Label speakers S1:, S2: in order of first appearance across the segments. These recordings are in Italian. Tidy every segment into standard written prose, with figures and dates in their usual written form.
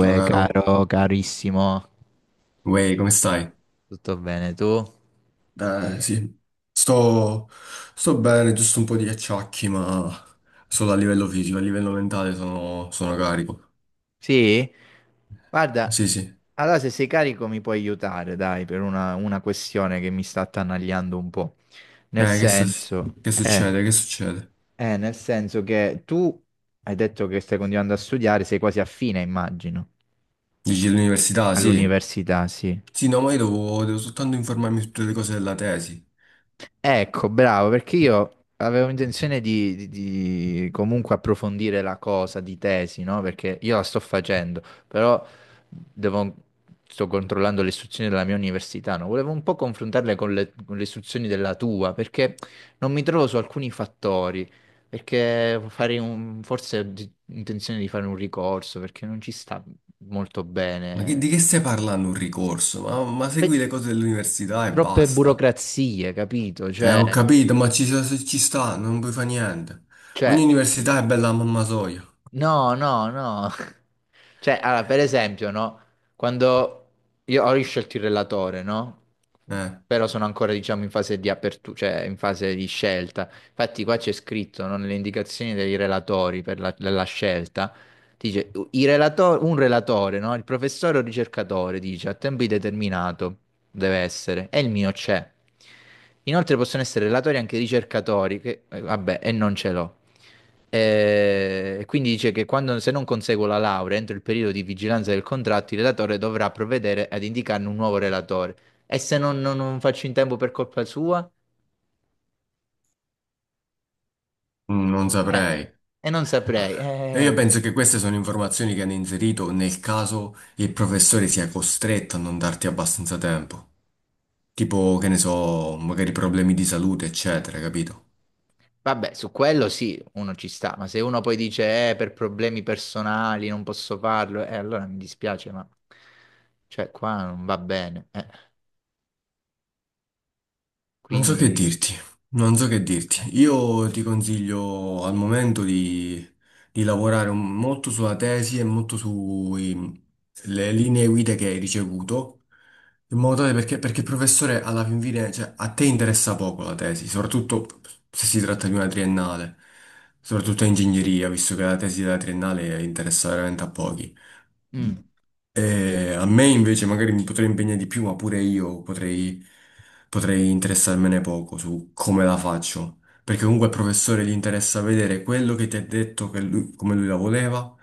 S1: Ciao caro.
S2: caro, carissimo,
S1: Uè, come stai?
S2: tutto bene tu?
S1: Eh sì, sto, sto bene, giusto un po' di acciacchi, ma solo a livello fisico, a livello mentale sono carico.
S2: Sì? Guarda,
S1: Sì, sì.
S2: allora se sei carico mi puoi aiutare, dai, per una questione che mi sta attanagliando un po'. Nel
S1: Eh, che, s-
S2: senso,
S1: che
S2: eh,
S1: succede? Che succede?
S2: nel senso che tu hai detto che stai continuando a studiare, sei quasi a fine, immagino,
S1: Dici l'università, sì.
S2: all'università, sì.
S1: Sì, no, ma io devo soltanto informarmi su tutte le cose della tesi.
S2: Ecco, bravo, perché io avevo intenzione di comunque approfondire la cosa di tesi, no? Perché io la sto facendo, però devo- sto controllando le istruzioni della mia università, no? Volevo un po' confrontarle con le istruzioni della tua, perché non mi trovo su alcuni fattori, perché farei un, forse ho intenzione di fare un ricorso, perché non ci sta molto
S1: Di
S2: bene.
S1: che stai parlando un ricorso? Ma segui
S2: Pe-
S1: le cose dell'università e
S2: Troppe
S1: basta.
S2: burocrazie, capito? Cioè...
S1: Ho capito, ci sta, non puoi fare niente. Ogni
S2: Cioè,
S1: università è bella a mamma soia.
S2: No, no, no. Cioè, allora, per esempio, no? Quando io ho riscelto il relatore, no?
S1: Eh.
S2: Però sono ancora, diciamo, in fase di apertura, cioè in fase di scelta. Infatti qua c'è scritto, no, nelle indicazioni dei relatori della scelta, dice, un relatore, no? Il professore o ricercatore, dice, a tempo indeterminato deve essere, e il mio c'è. Inoltre possono essere relatori anche ricercatori, che, vabbè, e non ce l'ho. E quindi dice che quando, se non conseguo la laurea entro il periodo di vigilanza del contratto, il relatore dovrà provvedere ad indicarne un nuovo relatore. E se non faccio in tempo per colpa sua?
S1: Mm, non
S2: Eh,
S1: saprei.
S2: e non
S1: Ah,
S2: saprei.
S1: e io penso che queste sono informazioni che hanno inserito nel caso il professore sia costretto a non darti abbastanza tempo. Tipo, che ne so, magari problemi di salute, eccetera, capito?
S2: Vabbè, su quello sì, uno ci sta, ma se uno poi dice, per problemi personali non posso farlo, allora mi dispiace, ma cioè, qua non va bene. Eh.
S1: Non so che
S2: Quindi...
S1: dirti, non so che dirti.
S2: Eh.
S1: Io ti consiglio al momento di lavorare molto sulla tesi e molto sulle linee guida che hai ricevuto, in modo tale perché, perché il professore alla fin fine, cioè, a te interessa poco la tesi, soprattutto se si tratta di una triennale, soprattutto in ingegneria, visto che la tesi della triennale interessa veramente a pochi.
S2: Mm.
S1: E a me invece magari mi potrei impegnare di più, ma pure io potrei interessarmene poco su come la faccio. Perché comunque al professore gli interessa vedere quello che ti ha detto, come lui la voleva,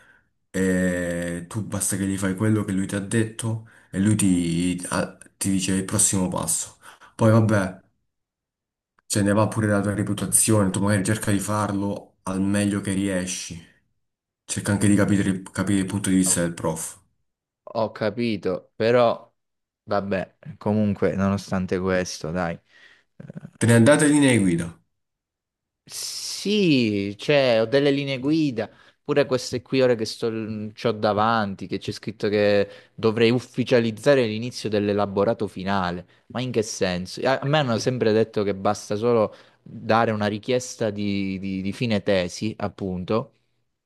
S1: e tu basta che gli fai quello che lui ti ha detto e lui ti dice il prossimo passo. Poi vabbè, se ne va pure la tua reputazione, tu magari cerca di farlo al meglio che riesci. Cerca anche di capire il punto di vista
S2: Ok.
S1: del prof.
S2: Ho capito, però vabbè, comunque, nonostante questo, dai.
S1: Te ne andate linee guida.
S2: Sì, cioè, ho delle linee guida, pure queste qui ora che sto, c'ho davanti, che c'è scritto che dovrei ufficializzare l'inizio dell'elaborato finale. Ma in che senso? A me hanno sempre detto che basta solo dare una richiesta di fine tesi, appunto,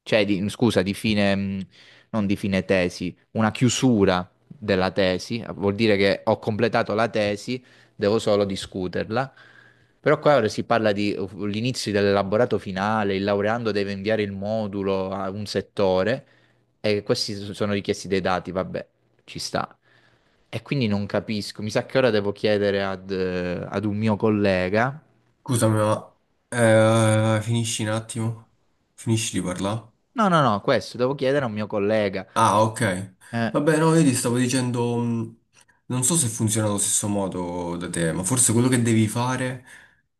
S2: cioè, scusa, di fine, non di fine tesi, una chiusura della tesi, vuol dire che ho completato la tesi, devo solo discuterla. Però qua ora si parla di l'inizio dell'elaborato finale, il laureando deve inviare il modulo a un settore e questi sono richiesti dei dati, vabbè, ci sta. E quindi non capisco, mi sa che ora devo chiedere ad un mio collega.
S1: Scusami, ma finisci un attimo? Finisci di parlare?
S2: No, no, no, questo devo chiedere a un mio collega.
S1: Ah, ok.
S2: Eh,
S1: Vabbè, no, io ti stavo dicendo, non so se funziona allo stesso modo da te, ma forse quello che devi fare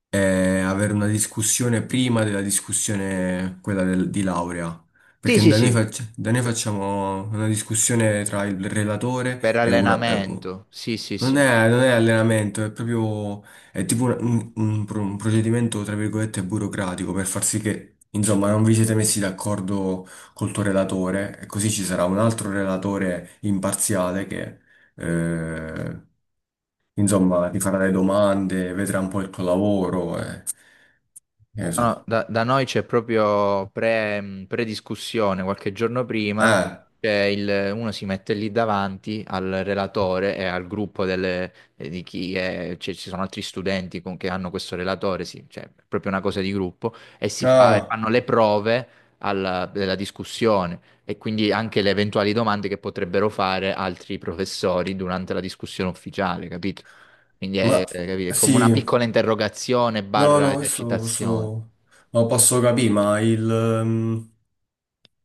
S1: è avere una discussione prima della discussione, di laurea.
S2: sì,
S1: Perché
S2: sì,
S1: da noi,
S2: sì,
S1: da noi
S2: Pe-
S1: facciamo una discussione tra il relatore
S2: per
S1: e una,
S2: allenamento, sì, sì,
S1: non
S2: sì.
S1: è, non è allenamento, è proprio, è tipo un procedimento, tra virgolette, burocratico per far sì che, insomma, non vi siete messi d'accordo col tuo relatore e così ci sarà un altro relatore imparziale che, eh, insomma, ti farà le domande, vedrà un po' il tuo lavoro e, che ne
S2: No, no,
S1: so.
S2: da noi c'è proprio prediscussione, qualche giorno prima
S1: Eh,
S2: c'è uno si mette lì davanti al relatore e al gruppo di chi è, cioè, ci sono altri studenti che hanno questo relatore, sì, cioè è proprio una cosa di gruppo, e
S1: ah,
S2: fanno le prove della discussione e quindi anche le eventuali domande che potrebbero fare altri professori durante la discussione ufficiale, capito? Quindi
S1: ma
S2: è capito? È come
S1: sì,
S2: una piccola interrogazione
S1: no,
S2: barra esercitazione.
S1: questo lo posso capire, ma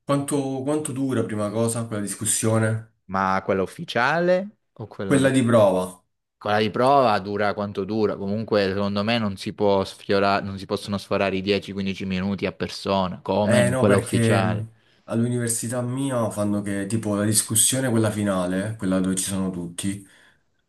S1: quanto, quanto dura, prima cosa, quella discussione?
S2: Ma quella ufficiale o quella
S1: Quella
S2: no?
S1: di prova.
S2: Quella di prova dura quanto dura, comunque secondo me non si può sfiorare, non si possono sforare i 10-15 minuti a persona, come
S1: Eh
S2: in
S1: no,
S2: quella
S1: perché
S2: ufficiale.
S1: all'università mia fanno che tipo la discussione, quella finale, quella dove ci sono tutti,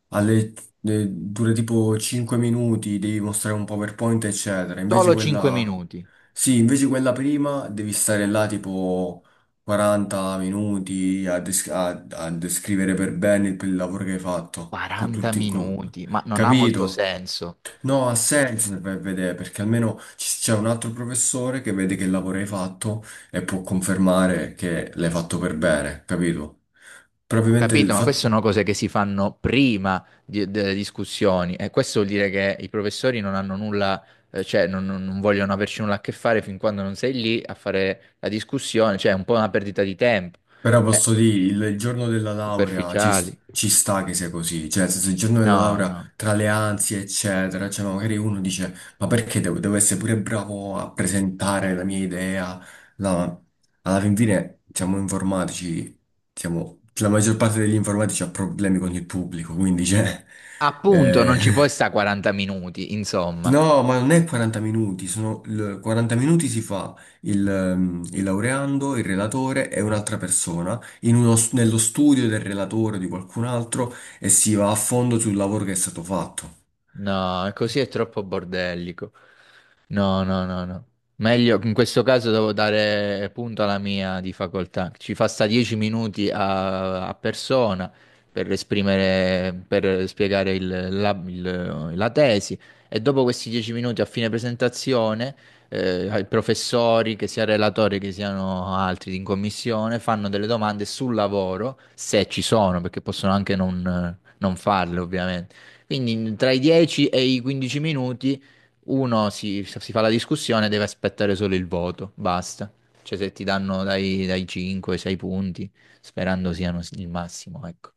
S1: alle- dura tipo 5 minuti, devi mostrare un PowerPoint, eccetera. Invece
S2: Solo 5
S1: quella...
S2: minuti,
S1: Sì, invece quella prima devi stare là tipo 40 minuti a descrivere per bene il lavoro che hai fatto,
S2: 40 minuti, ma non ha molto
S1: capito?
S2: senso.
S1: No, ha senso se vai a vedere, perché almeno c'è un altro professore che vede che lavoro hai fatto e può confermare che l'hai fatto per bene, capito?
S2: Ho
S1: Probabilmente il
S2: capito, ma
S1: fatto.
S2: queste sono cose che si fanno prima delle discussioni e questo vuol dire che i professori non hanno nulla, cioè non vogliono averci nulla a che fare fin quando non sei lì a fare la discussione, cioè è un po' una perdita di tempo.
S1: Però
S2: Eh,
S1: posso dire, il giorno della laurea
S2: Superficiali.
S1: ci sta che sia così, cioè nel senso, il giorno della
S2: No,
S1: laurea
S2: no.
S1: tra le ansie eccetera, cioè no, magari uno dice ma perché devo essere pure bravo a presentare la mia idea? No, alla fin fine siamo informatici, la maggior parte degli informatici ha problemi con il pubblico, quindi cioè,
S2: Appunto,
S1: eh,
S2: non ci puoi sta 40 minuti, insomma.
S1: No, ma non è 40 minuti, 40 minuti si fa il laureando, il relatore e un'altra persona in nello studio del relatore o di qualcun altro e si va a fondo sul lavoro che è stato fatto.
S2: No, così è troppo bordellico. No, no, no, no. Meglio, in questo caso devo dare punto alla mia di facoltà. Ci fa sta 10 minuti a persona per esprimere, per spiegare la tesi e dopo questi 10 minuti a fine presentazione, ai professori, che sia relatori che siano altri in commissione, fanno delle domande sul lavoro, se ci sono, perché possono anche non farle, ovviamente. Quindi tra i 10 e i 15 minuti uno si fa la discussione e deve aspettare solo il voto, basta. Cioè se ti danno dai 5 ai 6 punti, sperando siano il massimo, ecco.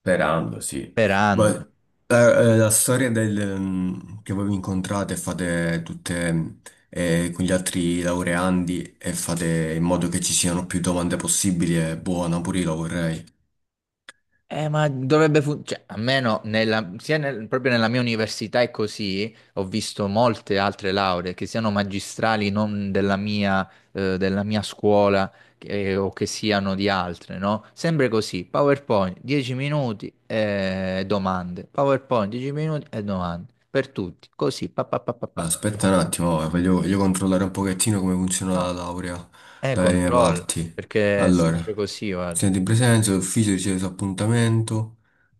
S1: Sperando, sì. Ma
S2: Sperando.
S1: eh, la storia che voi vi incontrate e fate tutte con gli altri laureandi e fate in modo che ci siano più domande possibili è buona, pure io la vorrei.
S2: Ma dovrebbe funzionare, cioè, almeno proprio nella mia università è così, ho visto molte altre lauree che siano magistrali non della mia, della mia scuola, o che siano di altre, no? Sempre così, PowerPoint 10 minuti e domande, PowerPoint 10 minuti e domande, per tutti, così, pa pa pa pa pa.
S1: Allora, aspetta un attimo, voglio controllare un pochettino come funziona la
S2: No,
S1: laurea dalle mie
S2: controlla,
S1: parti.
S2: perché è
S1: Allora,
S2: sempre così, guarda.
S1: studente in presenza, l'ufficio riceve su appuntamento.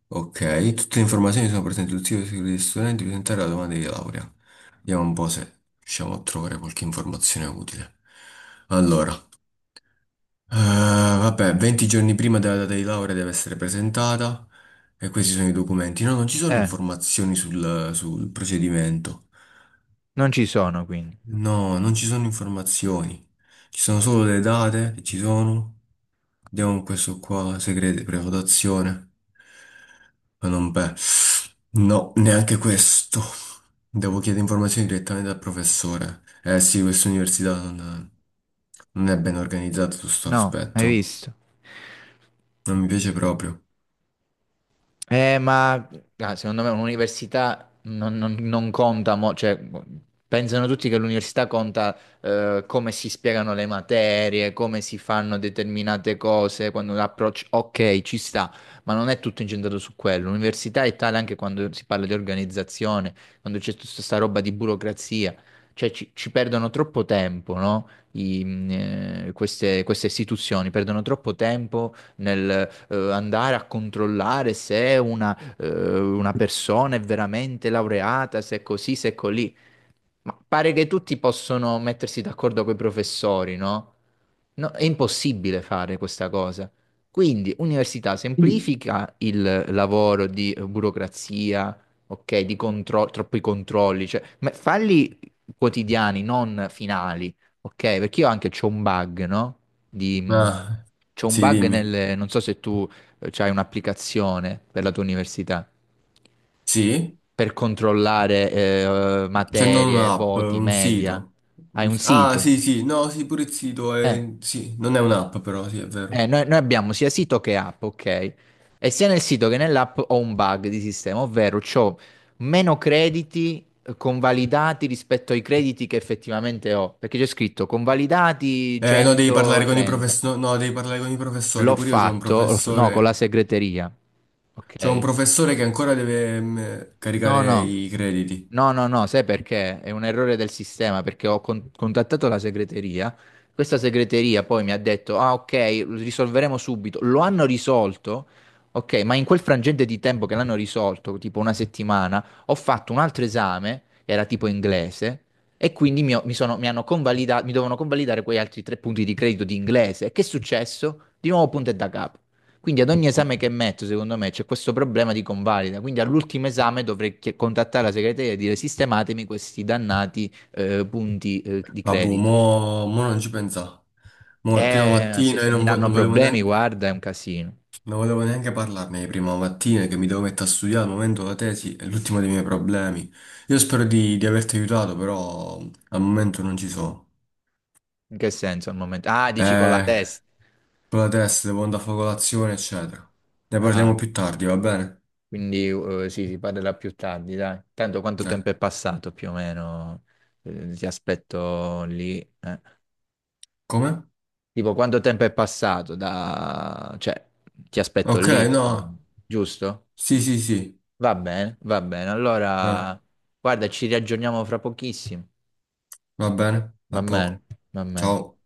S1: Ok, tutte le informazioni sono presenti sul sito sicuro degli studenti, presentare la domanda di laurea. Vediamo un po' se riusciamo a trovare qualche informazione utile. Allora, vabbè, 20 giorni prima della data di laurea deve essere presentata e questi sono i documenti. No, non ci sono
S2: Eh,
S1: informazioni sul procedimento.
S2: Non ci sono quindi,
S1: No, non ci sono informazioni, ci sono solo le date che ci sono. Andiamo con questo qua, segrete, prenotazione. Ma non beh. No, neanche questo. Devo chiedere informazioni direttamente dal professore. Eh sì, questa università non è ben organizzata su questo
S2: no, hai
S1: aspetto.
S2: visto?
S1: Non mi piace proprio.
S2: Ma secondo me un'università non conta, cioè, pensano tutti che l'università conta come si spiegano le materie, come si fanno determinate cose, quando l'approccio, ok, ci sta, ma non è tutto incentrato su quello. L'università è tale anche quando si parla di organizzazione, quando c'è tutta questa roba di burocrazia, cioè ci perdono troppo tempo, no? Queste istituzioni perdono troppo tempo nel andare a controllare se una persona è veramente laureata, se è così, se è colì. Ma pare che tutti possono mettersi d'accordo con i professori, no? No, è impossibile fare questa cosa. Quindi, università semplifica il lavoro di burocrazia, ok, troppi controlli, cioè, ma falli quotidiani, non finali, ok? Perché io anche c'ho un bug, no? Di, mh,
S1: Ah,
S2: c'ho un
S1: sì,
S2: bug
S1: dimmi.
S2: non so se tu c'hai un'applicazione per la tua università
S1: Sì?
S2: per controllare
S1: C'è non
S2: materie,
S1: un'app,
S2: voti,
S1: un
S2: media.
S1: sito.
S2: Hai un
S1: Ah,
S2: sito.
S1: sì, sì, no, sì, pure il sito
S2: Eh,
S1: è... Sì, non è un'app però, sì, è vero.
S2: noi abbiamo sia sito che app, ok? E sia nel sito che nell'app ho un bug di sistema, ovvero ho meno crediti convalidati rispetto ai crediti che effettivamente ho, perché c'è scritto convalidati
S1: No, devi parlare con i
S2: 130.
S1: professori, no, devi parlare con i professori.
S2: L'ho
S1: Pure io
S2: fatto, no, con la segreteria,
S1: c'ho un
S2: ok?
S1: professore che ancora deve
S2: No,
S1: caricare
S2: no.
S1: i crediti.
S2: No, no, no, sai perché? È un errore del sistema, perché ho contattato la segreteria. Questa segreteria poi mi ha detto, ah, ok, risolveremo subito. Lo hanno risolto, ok, ma in quel frangente di tempo che l'hanno risolto, tipo una settimana, ho fatto un altro esame, era tipo inglese, e quindi mi hanno convalidato, mi dovevano convalidare quei altri 3 punti di credito di inglese. Che è successo? Di nuovo punto e da capo. Quindi ad ogni esame che metto, secondo me, c'è questo problema di convalida. Quindi all'ultimo esame dovrei contattare la segreteria e dire sistematemi questi dannati punti di
S1: Vabbè,
S2: credito.
S1: mo non ci pensa. Mo è prima
S2: Eh, se,
S1: mattina e
S2: se mi danno
S1: non volevo
S2: problemi,
S1: neanche...
S2: guarda, è un casino.
S1: Non volevo neanche parlarne di prima mattina che mi devo mettere a studiare al momento la tesi è l'ultimo dei miei problemi. Io spero di averti aiutato, però al momento non ci sono.
S2: In che senso al momento? Ah, dici con la
S1: Eh,
S2: testa.
S1: con la testa devo andare a fare colazione, eccetera. Ne
S2: Ah,
S1: parliamo più tardi, va bene?
S2: quindi sì, si parlerà più tardi, dai. Tanto quanto
S1: Eh,
S2: tempo è passato più o meno? Ti aspetto lì. Eh.
S1: come?
S2: Tipo, quanto tempo è passato da... cioè, ti aspetto
S1: Ok,
S2: lì, insomma,
S1: no.
S2: giusto?
S1: Sì, sì, sì.
S2: Va bene, va bene.
S1: Eh,
S2: Allora, guarda, ci riaggiorniamo fra pochissimo.
S1: va bene,
S2: Va
S1: a poco.
S2: bene, va bene.
S1: Ciao.